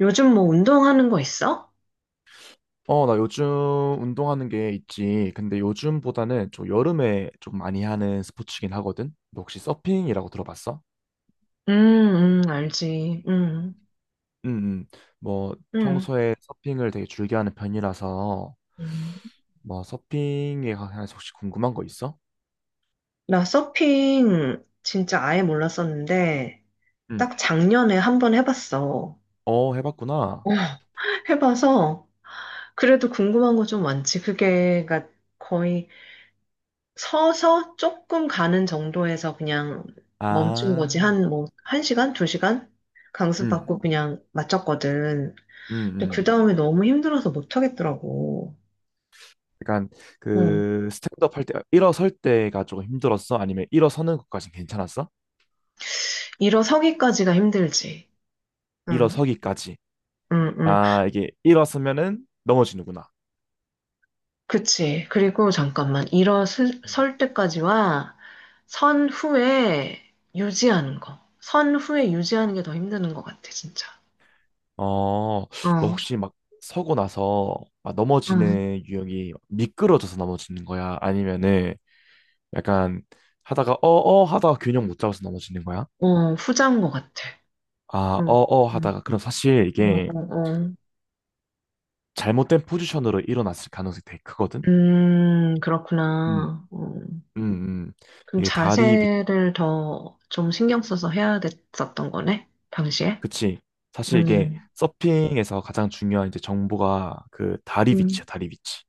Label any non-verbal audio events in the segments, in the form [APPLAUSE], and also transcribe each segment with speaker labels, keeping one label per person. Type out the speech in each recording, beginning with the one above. Speaker 1: 요즘 뭐 운동하는 거 있어?
Speaker 2: 어, 나 요즘 운동하는 게 있지. 근데 요즘보다는 좀 여름에 좀 많이 하는 스포츠긴 하거든. 너 혹시 서핑이라고 들어봤어?
Speaker 1: 알지.
Speaker 2: 응, 응 뭐
Speaker 1: 음,
Speaker 2: 평소에 서핑을 되게 즐겨 하는 편이라서
Speaker 1: 음.
Speaker 2: 뭐 서핑에 관해서 혹시 궁금한 거 있어?
Speaker 1: 나 서핑 진짜 아예 몰랐었는데,
Speaker 2: 응
Speaker 1: 딱 작년에 한번 해봤어.
Speaker 2: 어, 해봤구나.
Speaker 1: 어, [LAUGHS] 해봐서, 그래도 궁금한 거 좀 많지. 그게, 그러니까 거의 서서 조금 가는 정도에서 그냥 멈춘 거지.
Speaker 2: 아,
Speaker 1: 한 뭐, 한 시간, 두 시간?
Speaker 2: 응
Speaker 1: 강습받고 그냥 마쳤거든.
Speaker 2: 음,
Speaker 1: 근데 그
Speaker 2: 음.
Speaker 1: 다음에 너무 힘들어서 못 하겠더라고.
Speaker 2: 약간 그 스탠드업 할 때 일어설 때가 조금 힘들었어? 아니면 일어서는 것까진 괜찮았어?
Speaker 1: 일어서기까지가 힘들지. 응,
Speaker 2: 일어서기까지.
Speaker 1: 응, 응.
Speaker 2: 아, 이게 일어서면은 넘어지는구나.
Speaker 1: 그치. 그리고 잠깐만.
Speaker 2: 음.
Speaker 1: 일어설 때까지와 선 후에 유지하는 거. 선 후에 유지하는 게 더 힘드는 것 같아, 진짜.
Speaker 2: 어, 너
Speaker 1: 어,
Speaker 2: 혹시 막 서고 나서 막
Speaker 1: 응,
Speaker 2: 넘어지는 유형이 미끄러져서 넘어지는 거야? 아니면은 약간 하다가 어어 하다가 균형 못 잡아서 넘어지는 거야?
Speaker 1: 후자인 것 같아.
Speaker 2: 아,
Speaker 1: 응,
Speaker 2: 어어
Speaker 1: 응,
Speaker 2: 하다가 그럼 사실
Speaker 1: 어,
Speaker 2: 이게
Speaker 1: 어, 어.
Speaker 2: 잘못된 포지션으로 일어났을 가능성이 되게 크거든? 음.
Speaker 1: 그렇구나.
Speaker 2: 음, 음.
Speaker 1: 그럼
Speaker 2: 이게 다리 위,
Speaker 1: 자세를 더 좀 신경 써서 해야 됐었던 거네, 당시에?
Speaker 2: 그치. 사실 이게
Speaker 1: 음,
Speaker 2: 서핑에서 가장 중요한 이제 정보가 그 다리
Speaker 1: 음,
Speaker 2: 위치야, 다리 위치.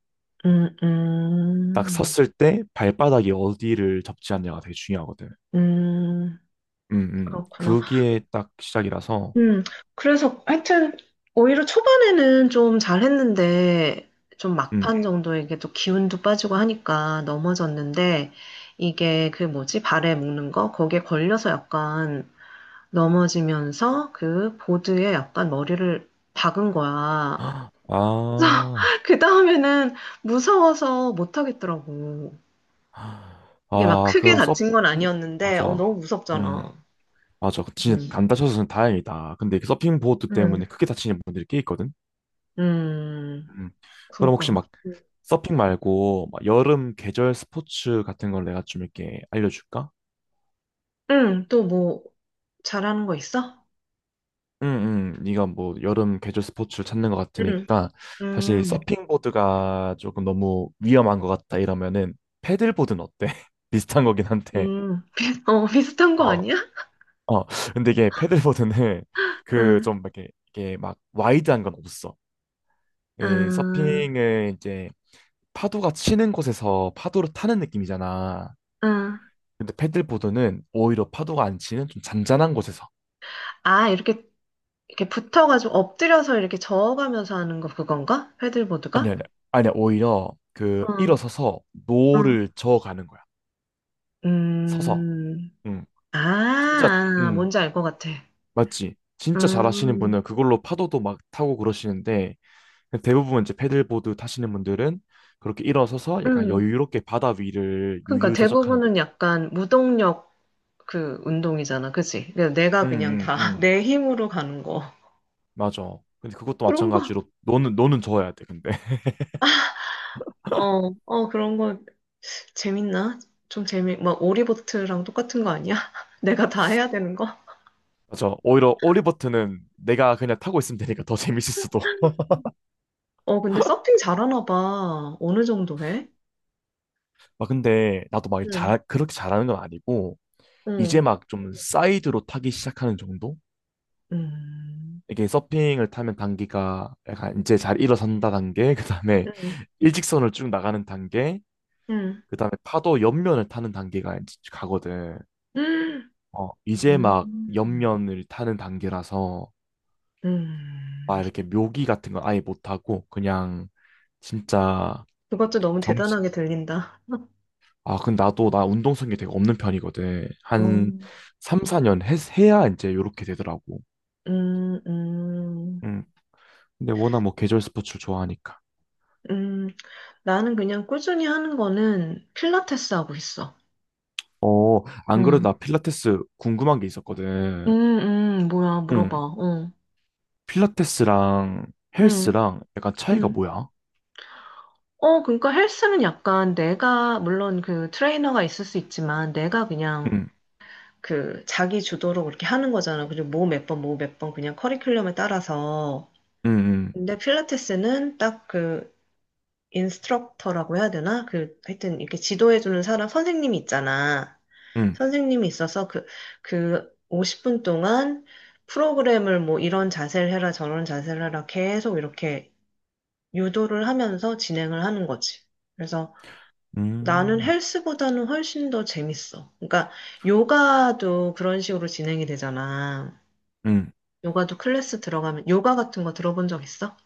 Speaker 1: 음,
Speaker 2: 딱
Speaker 1: 음.
Speaker 2: 섰을 때 발바닥이 어디를 접지 않냐가 되게 중요하거든.
Speaker 1: 음,
Speaker 2: 음,
Speaker 1: 그렇구나.
Speaker 2: 그게 딱 시작이라서,
Speaker 1: 음, 그래서 하여튼 오히려 초반에는 좀 잘했는데 좀
Speaker 2: 음.
Speaker 1: 막판 정도에 이게 또 기운도 빠지고 하니까 넘어졌는데 이게 그 뭐지? 발에 묶는 거? 거기에 걸려서 약간 넘어지면서 그 보드에 약간 머리를 박은 거야. 그래서
Speaker 2: 아,
Speaker 1: [LAUGHS] 그 다음에는 무서워서 못 하겠더라고. 이게 막
Speaker 2: 아,
Speaker 1: 크게 다친 건 아니었는데 어,
Speaker 2: 맞아.
Speaker 1: 너무
Speaker 2: 음,
Speaker 1: 무섭잖아.
Speaker 2: 맞아. 진짜
Speaker 1: 음.
Speaker 2: 안 다쳐서는 다행이다. 근데 그 서핑 보드 때문에
Speaker 1: 음
Speaker 2: 크게 다치는 분들이 꽤 있거든.
Speaker 1: 음.
Speaker 2: 음. 그럼 혹시
Speaker 1: 그니까.
Speaker 2: 막
Speaker 1: 음.
Speaker 2: 서핑 말고 막 여름 계절 스포츠 같은 걸 내가 좀 이렇게 알려줄까?
Speaker 1: 응, 또 뭐, 잘하는 거 있어?
Speaker 2: 응, 응. 네가 뭐 여름 계절 스포츠를 찾는 것
Speaker 1: 응.
Speaker 2: 같으니까 사실
Speaker 1: 음,
Speaker 2: 서핑보드가 조금 너무 위험한 것 같다 이러면은 패들보드는 어때? [LAUGHS] 비슷한 거긴 한데.
Speaker 1: [LAUGHS] 어, 비슷한 거
Speaker 2: 어,
Speaker 1: 아니야?
Speaker 2: 어. 근데 이게 패들보드는 그
Speaker 1: 응,
Speaker 2: 좀 이렇게 이게 막 와이드한 건 없어. 예,
Speaker 1: 응,
Speaker 2: 서핑을 이제 파도가 치는 곳에서 파도를 타는 느낌이잖아.
Speaker 1: 응.
Speaker 2: 근데 패들보드는 오히려 파도가 안 치는 좀 잔잔한 곳에서
Speaker 1: 아, 이렇게, 이렇게 붙어가지고 엎드려서 이렇게 저어가면서 하는 거 그건가?
Speaker 2: 아니
Speaker 1: 패들보드가?
Speaker 2: 아니 아니 오히려 그
Speaker 1: 응,
Speaker 2: 일어서서
Speaker 1: 응.
Speaker 2: 노를 저어가는 거야. 서서.
Speaker 1: 음,
Speaker 2: 응.
Speaker 1: 아,
Speaker 2: 진짜,
Speaker 1: 아,
Speaker 2: 응,
Speaker 1: 뭔지 알 것 같아.
Speaker 2: 맞지. 진짜 잘하시는
Speaker 1: 음,
Speaker 2: 분은 그걸로 파도도 막 타고 그러시는데 대부분 이제 패들보드 타시는 분들은 그렇게 일어서서 약간
Speaker 1: 음.
Speaker 2: 여유롭게 바다 위를
Speaker 1: 그러니까
Speaker 2: 유유자적하는 느낌.
Speaker 1: 대부분은 약간 무동력 그 운동이잖아, 그치? 그냥
Speaker 2: 응,
Speaker 1: 내가 그냥
Speaker 2: 응,
Speaker 1: 다
Speaker 2: 응.
Speaker 1: 내 [LAUGHS] 힘으로 가는 거.
Speaker 2: 맞아. 근데 그것도
Speaker 1: 그런
Speaker 2: 마찬가지로
Speaker 1: 거.
Speaker 2: 너는 저어야 돼. 근데 [LAUGHS]
Speaker 1: 어, 어, 그런 거 재밌나? 좀 재미, 막 오리보트랑 똑같은 거 아니야? [LAUGHS] 내가 다 해야 되는 거?
Speaker 2: 맞아. 오히려 오리버트는 내가 그냥 타고 있으면 되니까 더 재밌을 수도. [LAUGHS]
Speaker 1: 어, 근데 서핑 잘하나 봐. 어느 정도 해?
Speaker 2: 막 근데 나도 막
Speaker 1: 응,
Speaker 2: 잘 그렇게 잘하는 건 아니고 이제
Speaker 1: 응,
Speaker 2: 막 좀 사이드로 타기 시작하는 정도?
Speaker 1: 음,
Speaker 2: 이게 서핑을 타면 단기가 약간 이제 잘 일어선다 단계, 그 다음에
Speaker 1: 응,
Speaker 2: [LAUGHS] 일직선을 쭉 나가는 단계,
Speaker 1: 응,
Speaker 2: 그 다음에 파도 옆면을 타는 단계가 이제 가거든.
Speaker 1: 응
Speaker 2: 어, 이제 막
Speaker 1: 음,
Speaker 2: 옆면을 타는 단계라서
Speaker 1: 음.
Speaker 2: 막 이렇게 묘기 같은 건 아예 못 하고 그냥 진짜
Speaker 1: 그것도 너무
Speaker 2: 정식.
Speaker 1: 대단하게 들린다. [LAUGHS]
Speaker 2: 아, 근데 나도 나 운동성이 되게 없는 편이거든. 한
Speaker 1: 음,
Speaker 2: 3, 4년 해야 이제 요렇게 되더라고.
Speaker 1: 음, 음,
Speaker 2: 음. 근데 워낙 뭐 계절 스포츠를 좋아하니까.
Speaker 1: 음. 나는 그냥 꾸준히 하는 거는 필라테스 하고 있어.
Speaker 2: 어, 안 그래도
Speaker 1: 응,
Speaker 2: 나 필라테스 궁금한 게 있었거든.
Speaker 1: 음, 뭐야, 물어봐.
Speaker 2: 응. 필라테스랑
Speaker 1: 응,
Speaker 2: 헬스랑 약간 차이가
Speaker 1: 응.
Speaker 2: 뭐야?
Speaker 1: 어, 그러니까 헬스는 약간 내가, 물론 그 트레이너가 있을 수 있지만, 내가 그냥
Speaker 2: 응,
Speaker 1: 그 자기 주도로 그렇게 하는 거잖아. 그리고 뭐 몇 번, 뭐 몇 번 그냥 커리큘럼에 따라서.
Speaker 2: 응, 응,
Speaker 1: 근데 필라테스는 딱 그 인스트럭터라고 해야 되나? 그 하여튼 이렇게 지도해주는 사람, 선생님이 있잖아.
Speaker 2: 응,
Speaker 1: 선생님이 있어서 그, 그 50분 동안 프로그램을 뭐 이런 자세를 해라, 저런 자세를 해라 계속 이렇게 유도를 하면서 진행을 하는 거지. 그래서 나는
Speaker 2: 음,
Speaker 1: 헬스보다는 훨씬 더 재밌어. 그러니까 요가도 그런 식으로 진행이 되잖아.
Speaker 2: 응.
Speaker 1: 요가도 클래스 들어가면 요가 같은 거 들어본 적 있어?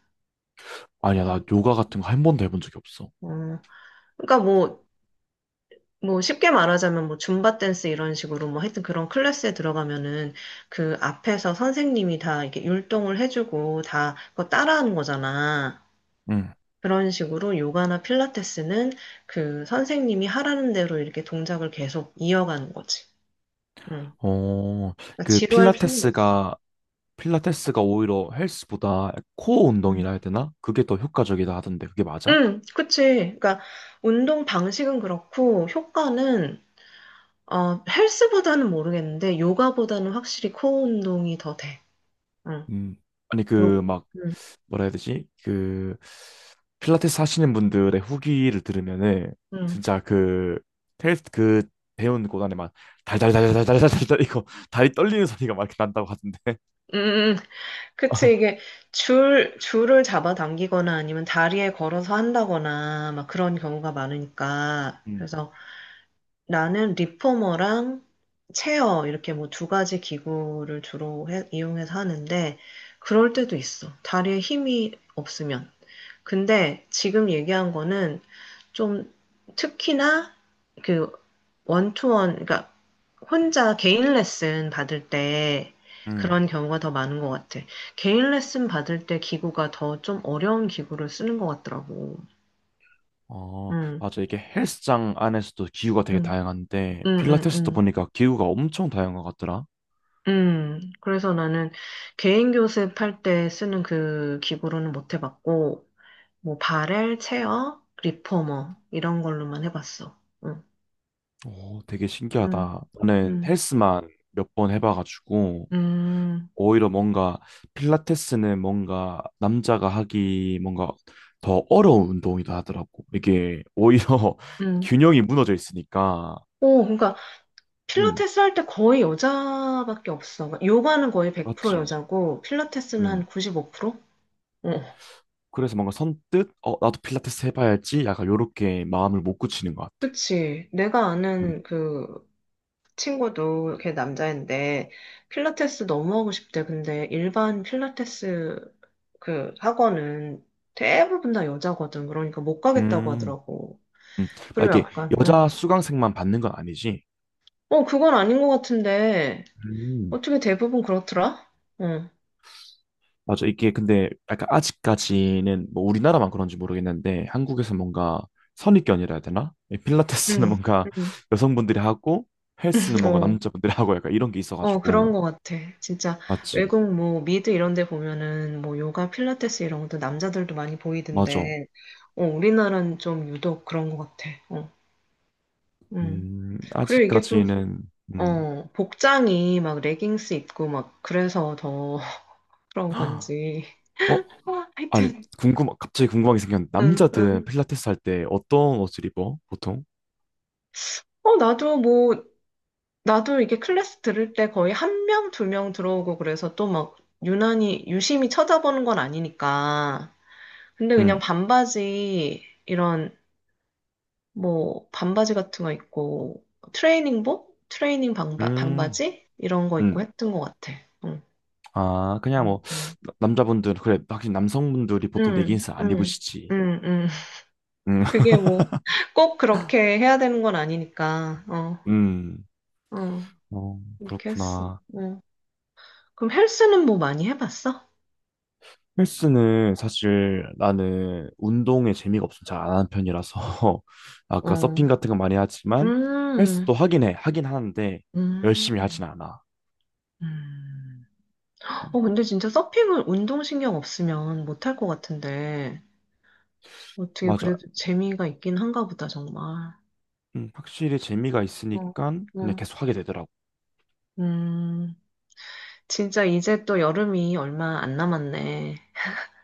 Speaker 2: 아니야,
Speaker 1: 거의.
Speaker 2: 나 요가 같은 거 한 번도 해본 적이 없어.
Speaker 1: 어, 그러니까 뭐, 뭐 쉽게 말하자면 뭐 줌바 댄스 이런 식으로 뭐 하여튼 그런 클래스에 들어가면은 그 앞에서 선생님이 다 이렇게 율동을 해주고 다 그거 따라하는 거잖아.
Speaker 2: 응.
Speaker 1: 그런 식으로 요가나 필라테스는 그 선생님이 하라는 대로 이렇게 동작을 계속 이어가는 거지. 응.
Speaker 2: 어,
Speaker 1: 그러니까
Speaker 2: 그
Speaker 1: 지루할 필요는 없어.
Speaker 2: 필라테스가 오히려 헬스보다 코어 운동이라 해야
Speaker 1: 음.
Speaker 2: 되나? 그게 더 효과적이다 하던데, 그게 맞아?
Speaker 1: 응, 그치. 그러니까 운동 방식은 그렇고 효과는 어, 헬스보다는 모르겠는데 요가보다는 확실히 코어 운동이 더 돼. 응.
Speaker 2: 음. 아니,
Speaker 1: 요,
Speaker 2: 그막
Speaker 1: 응,
Speaker 2: 뭐라 해야 되지? 그 필라테스 하시는 분들의 후기를 들으면은
Speaker 1: 응.
Speaker 2: 진짜 그 테일 그 배운 곳안에 막 달달달달달달달달 이거 다리 떨리는 소리가 막 이렇게 난다고 하던데.
Speaker 1: 음, 음. 음.
Speaker 2: [LAUGHS]
Speaker 1: 그치. 이게 줄을 잡아당기거나 아니면 다리에 걸어서 한다거나 막 그런 경우가 많으니까.
Speaker 2: 음,
Speaker 1: 그래서 나는 리포머랑 체어 이렇게 뭐 두 가지 기구를 주로 이용해서 하는데 그럴 때도 있어. 다리에 힘이 없으면. 근데 지금 얘기한 거는 좀 특히나 그 원투원, 그러니까 혼자 개인 레슨 받을 때
Speaker 2: 음.
Speaker 1: 그런 경우가 더 많은 것 같아. 개인 레슨 받을 때 기구가 더 좀 어려운 기구를 쓰는 것 같더라고.
Speaker 2: 어,
Speaker 1: 음,
Speaker 2: 맞아. 이게 헬스장 안에서도 기구가 되게
Speaker 1: 음,
Speaker 2: 다양한데
Speaker 1: 음, 음,
Speaker 2: 필라테스도
Speaker 1: 음.
Speaker 2: 보니까 기구가 엄청 다양한 것 같더라.
Speaker 1: 그래서 나는 개인 교습할 때 쓰는 그 기구로는 못 해봤고, 뭐, 바렐, 체어, 리포머, 이런 걸로만 해봤어. 응,
Speaker 2: 오, 되게
Speaker 1: 응,
Speaker 2: 신기하다. 나는
Speaker 1: 응.
Speaker 2: 헬스만 몇 번 해봐가지고
Speaker 1: 음,
Speaker 2: 오히려 뭔가 필라테스는 뭔가 남자가 하기 뭔가 더 어려운 운동이다 하더라고. 이게 오히려 [LAUGHS]
Speaker 1: 음.
Speaker 2: 균형이 무너져 있으니까.
Speaker 1: 오, 그러니까
Speaker 2: 음,
Speaker 1: 필라테스 할 때 거의 여자밖에 없어. 그러니까 요가는 거의 100%
Speaker 2: 맞지.
Speaker 1: 여자고 필라테스는
Speaker 2: 음.
Speaker 1: 한 95%? 어,
Speaker 2: 그래서 뭔가 선뜻 어 나도 필라테스 해봐야지 약간 요렇게 마음을 못 굳히는 것 같아.
Speaker 1: 그치. 내가
Speaker 2: 음.
Speaker 1: 아는 그 친구도 걔 남자인데 필라테스 너무 하고 싶대. 근데 일반 필라테스 그 학원은 대부분 다 여자거든. 그러니까 못 가겠다고
Speaker 2: 음.
Speaker 1: 하더라고.
Speaker 2: 음. 막
Speaker 1: 그리고
Speaker 2: 이게
Speaker 1: 약간, 응.
Speaker 2: 여자 수강생만 받는 건 아니지.
Speaker 1: 어, 그건 아닌 것 같은데
Speaker 2: 음.
Speaker 1: 어떻게 대부분 그렇더라? 응,
Speaker 2: 맞아. 이게 근데 약간 아직까지는 뭐 우리나라만 그런지 모르겠는데 한국에서 뭔가 선입견이라 해야 되나? 이 필라테스는
Speaker 1: 응,
Speaker 2: 뭔가
Speaker 1: 응.
Speaker 2: [LAUGHS] 여성분들이 하고 헬스는 뭔가
Speaker 1: 어.
Speaker 2: 남자분들이 하고 약간 이런 게
Speaker 1: 어, 그런
Speaker 2: 있어가지고.
Speaker 1: 것 같아. 진짜
Speaker 2: 맞지?
Speaker 1: 외국 뭐 미드 이런 데 보면은 뭐 요가, 필라테스 이런 것도 남자들도 많이
Speaker 2: 맞아.
Speaker 1: 보이던데, 어, 우리나라는 좀 유독 그런 것 같아. 음. 그리고 이게 좀,
Speaker 2: 아직까지는, 음,
Speaker 1: 어, 복장이 막 레깅스 입고 막 그래서 더 [LAUGHS] 그런 건지.
Speaker 2: 어?
Speaker 1: 어,
Speaker 2: 아니,
Speaker 1: 하여튼,
Speaker 2: 궁금, 갑자기 궁금하게 생겼는데
Speaker 1: 응,
Speaker 2: 남자들
Speaker 1: 응.
Speaker 2: 필라테스 할 때 어떤 옷을 입어? 보통?
Speaker 1: 어, 나도 뭐, 나도 이게 클래스 들을 때 거의 한 명, 두 명 들어오고 그래서 또 막 유난히 유심히 쳐다보는 건 아니니까. 근데 그냥
Speaker 2: 음,
Speaker 1: 반바지 이런 뭐 반바지 같은 거 있고 트레이닝복, 트레이닝
Speaker 2: 음,
Speaker 1: 반바지 이런 거
Speaker 2: 음.
Speaker 1: 있고 했던 것 같아. 응,
Speaker 2: 아, 그냥 뭐,
Speaker 1: 음, 음.
Speaker 2: 남자분들, 그래, 확실히 남성분들이 보통 레깅스
Speaker 1: 응,
Speaker 2: 안
Speaker 1: 응,
Speaker 2: 입으시지.
Speaker 1: 응, 응.
Speaker 2: 음.
Speaker 1: 그게
Speaker 2: [LAUGHS]
Speaker 1: 뭐 꼭 그렇게 해야 되는 건 아니니까. 어,
Speaker 2: 음,
Speaker 1: 어,
Speaker 2: 어,
Speaker 1: 이렇게 했어.
Speaker 2: 그렇구나.
Speaker 1: 어. 그럼 헬스는 뭐 많이 해봤어?
Speaker 2: 헬스는 사실 나는 운동에 재미가 없으면 잘 안 하는 편이라서 [LAUGHS] 아까
Speaker 1: 어,
Speaker 2: 서핑 같은 거 많이 하지만
Speaker 1: 음,
Speaker 2: 헬스도 하긴 해. 하긴 하는데 열심히 하진
Speaker 1: 음,
Speaker 2: 않아.
Speaker 1: 음.
Speaker 2: 음,
Speaker 1: 어, 근데 진짜 서핑은 운동신경 없으면 못할 것 같은데. 어떻게
Speaker 2: 맞아.
Speaker 1: 그래도 재미가 있긴 한가 보다, 정말.
Speaker 2: 확실히 재미가
Speaker 1: 응,
Speaker 2: 있으니까 그냥
Speaker 1: 응.
Speaker 2: 계속 하게 되더라고.
Speaker 1: 음, 진짜 이제 또 여름이 얼마 안 남았네.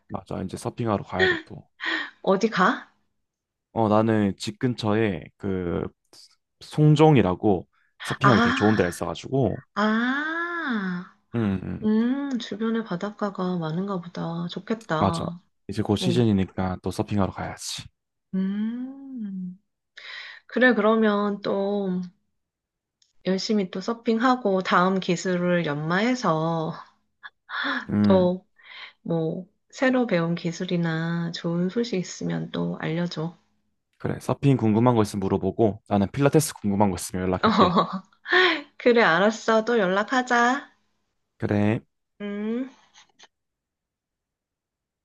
Speaker 2: 맞아. 이제 서핑하러 가야 돼 또.
Speaker 1: 어디 가?
Speaker 2: 어, 나는 집 근처에 그 송정이라고 서핑하기 되게 좋은 데가
Speaker 1: 아,
Speaker 2: 있어가지고
Speaker 1: 아,
Speaker 2: 음, 음,
Speaker 1: 주변에 바닷가가 많은가 보다.
Speaker 2: 맞아.
Speaker 1: 좋겠다.
Speaker 2: 이제 곧
Speaker 1: 어,
Speaker 2: 시즌이니까 또 서핑하러 가야지.
Speaker 1: 음. 그래, 그러면 또 열심히 또 서핑하고 다음 기술을 연마해서
Speaker 2: 음.
Speaker 1: 또 뭐 새로 배운 기술이나 좋은 소식 있으면 또 알려줘.
Speaker 2: 그래, 서핑 궁금한 거 있으면 물어보고, 나는 필라테스 궁금한 거 있으면 연락할게.
Speaker 1: [LAUGHS] 그래, 알았어. 또 연락하자.
Speaker 2: 그래.
Speaker 1: 음.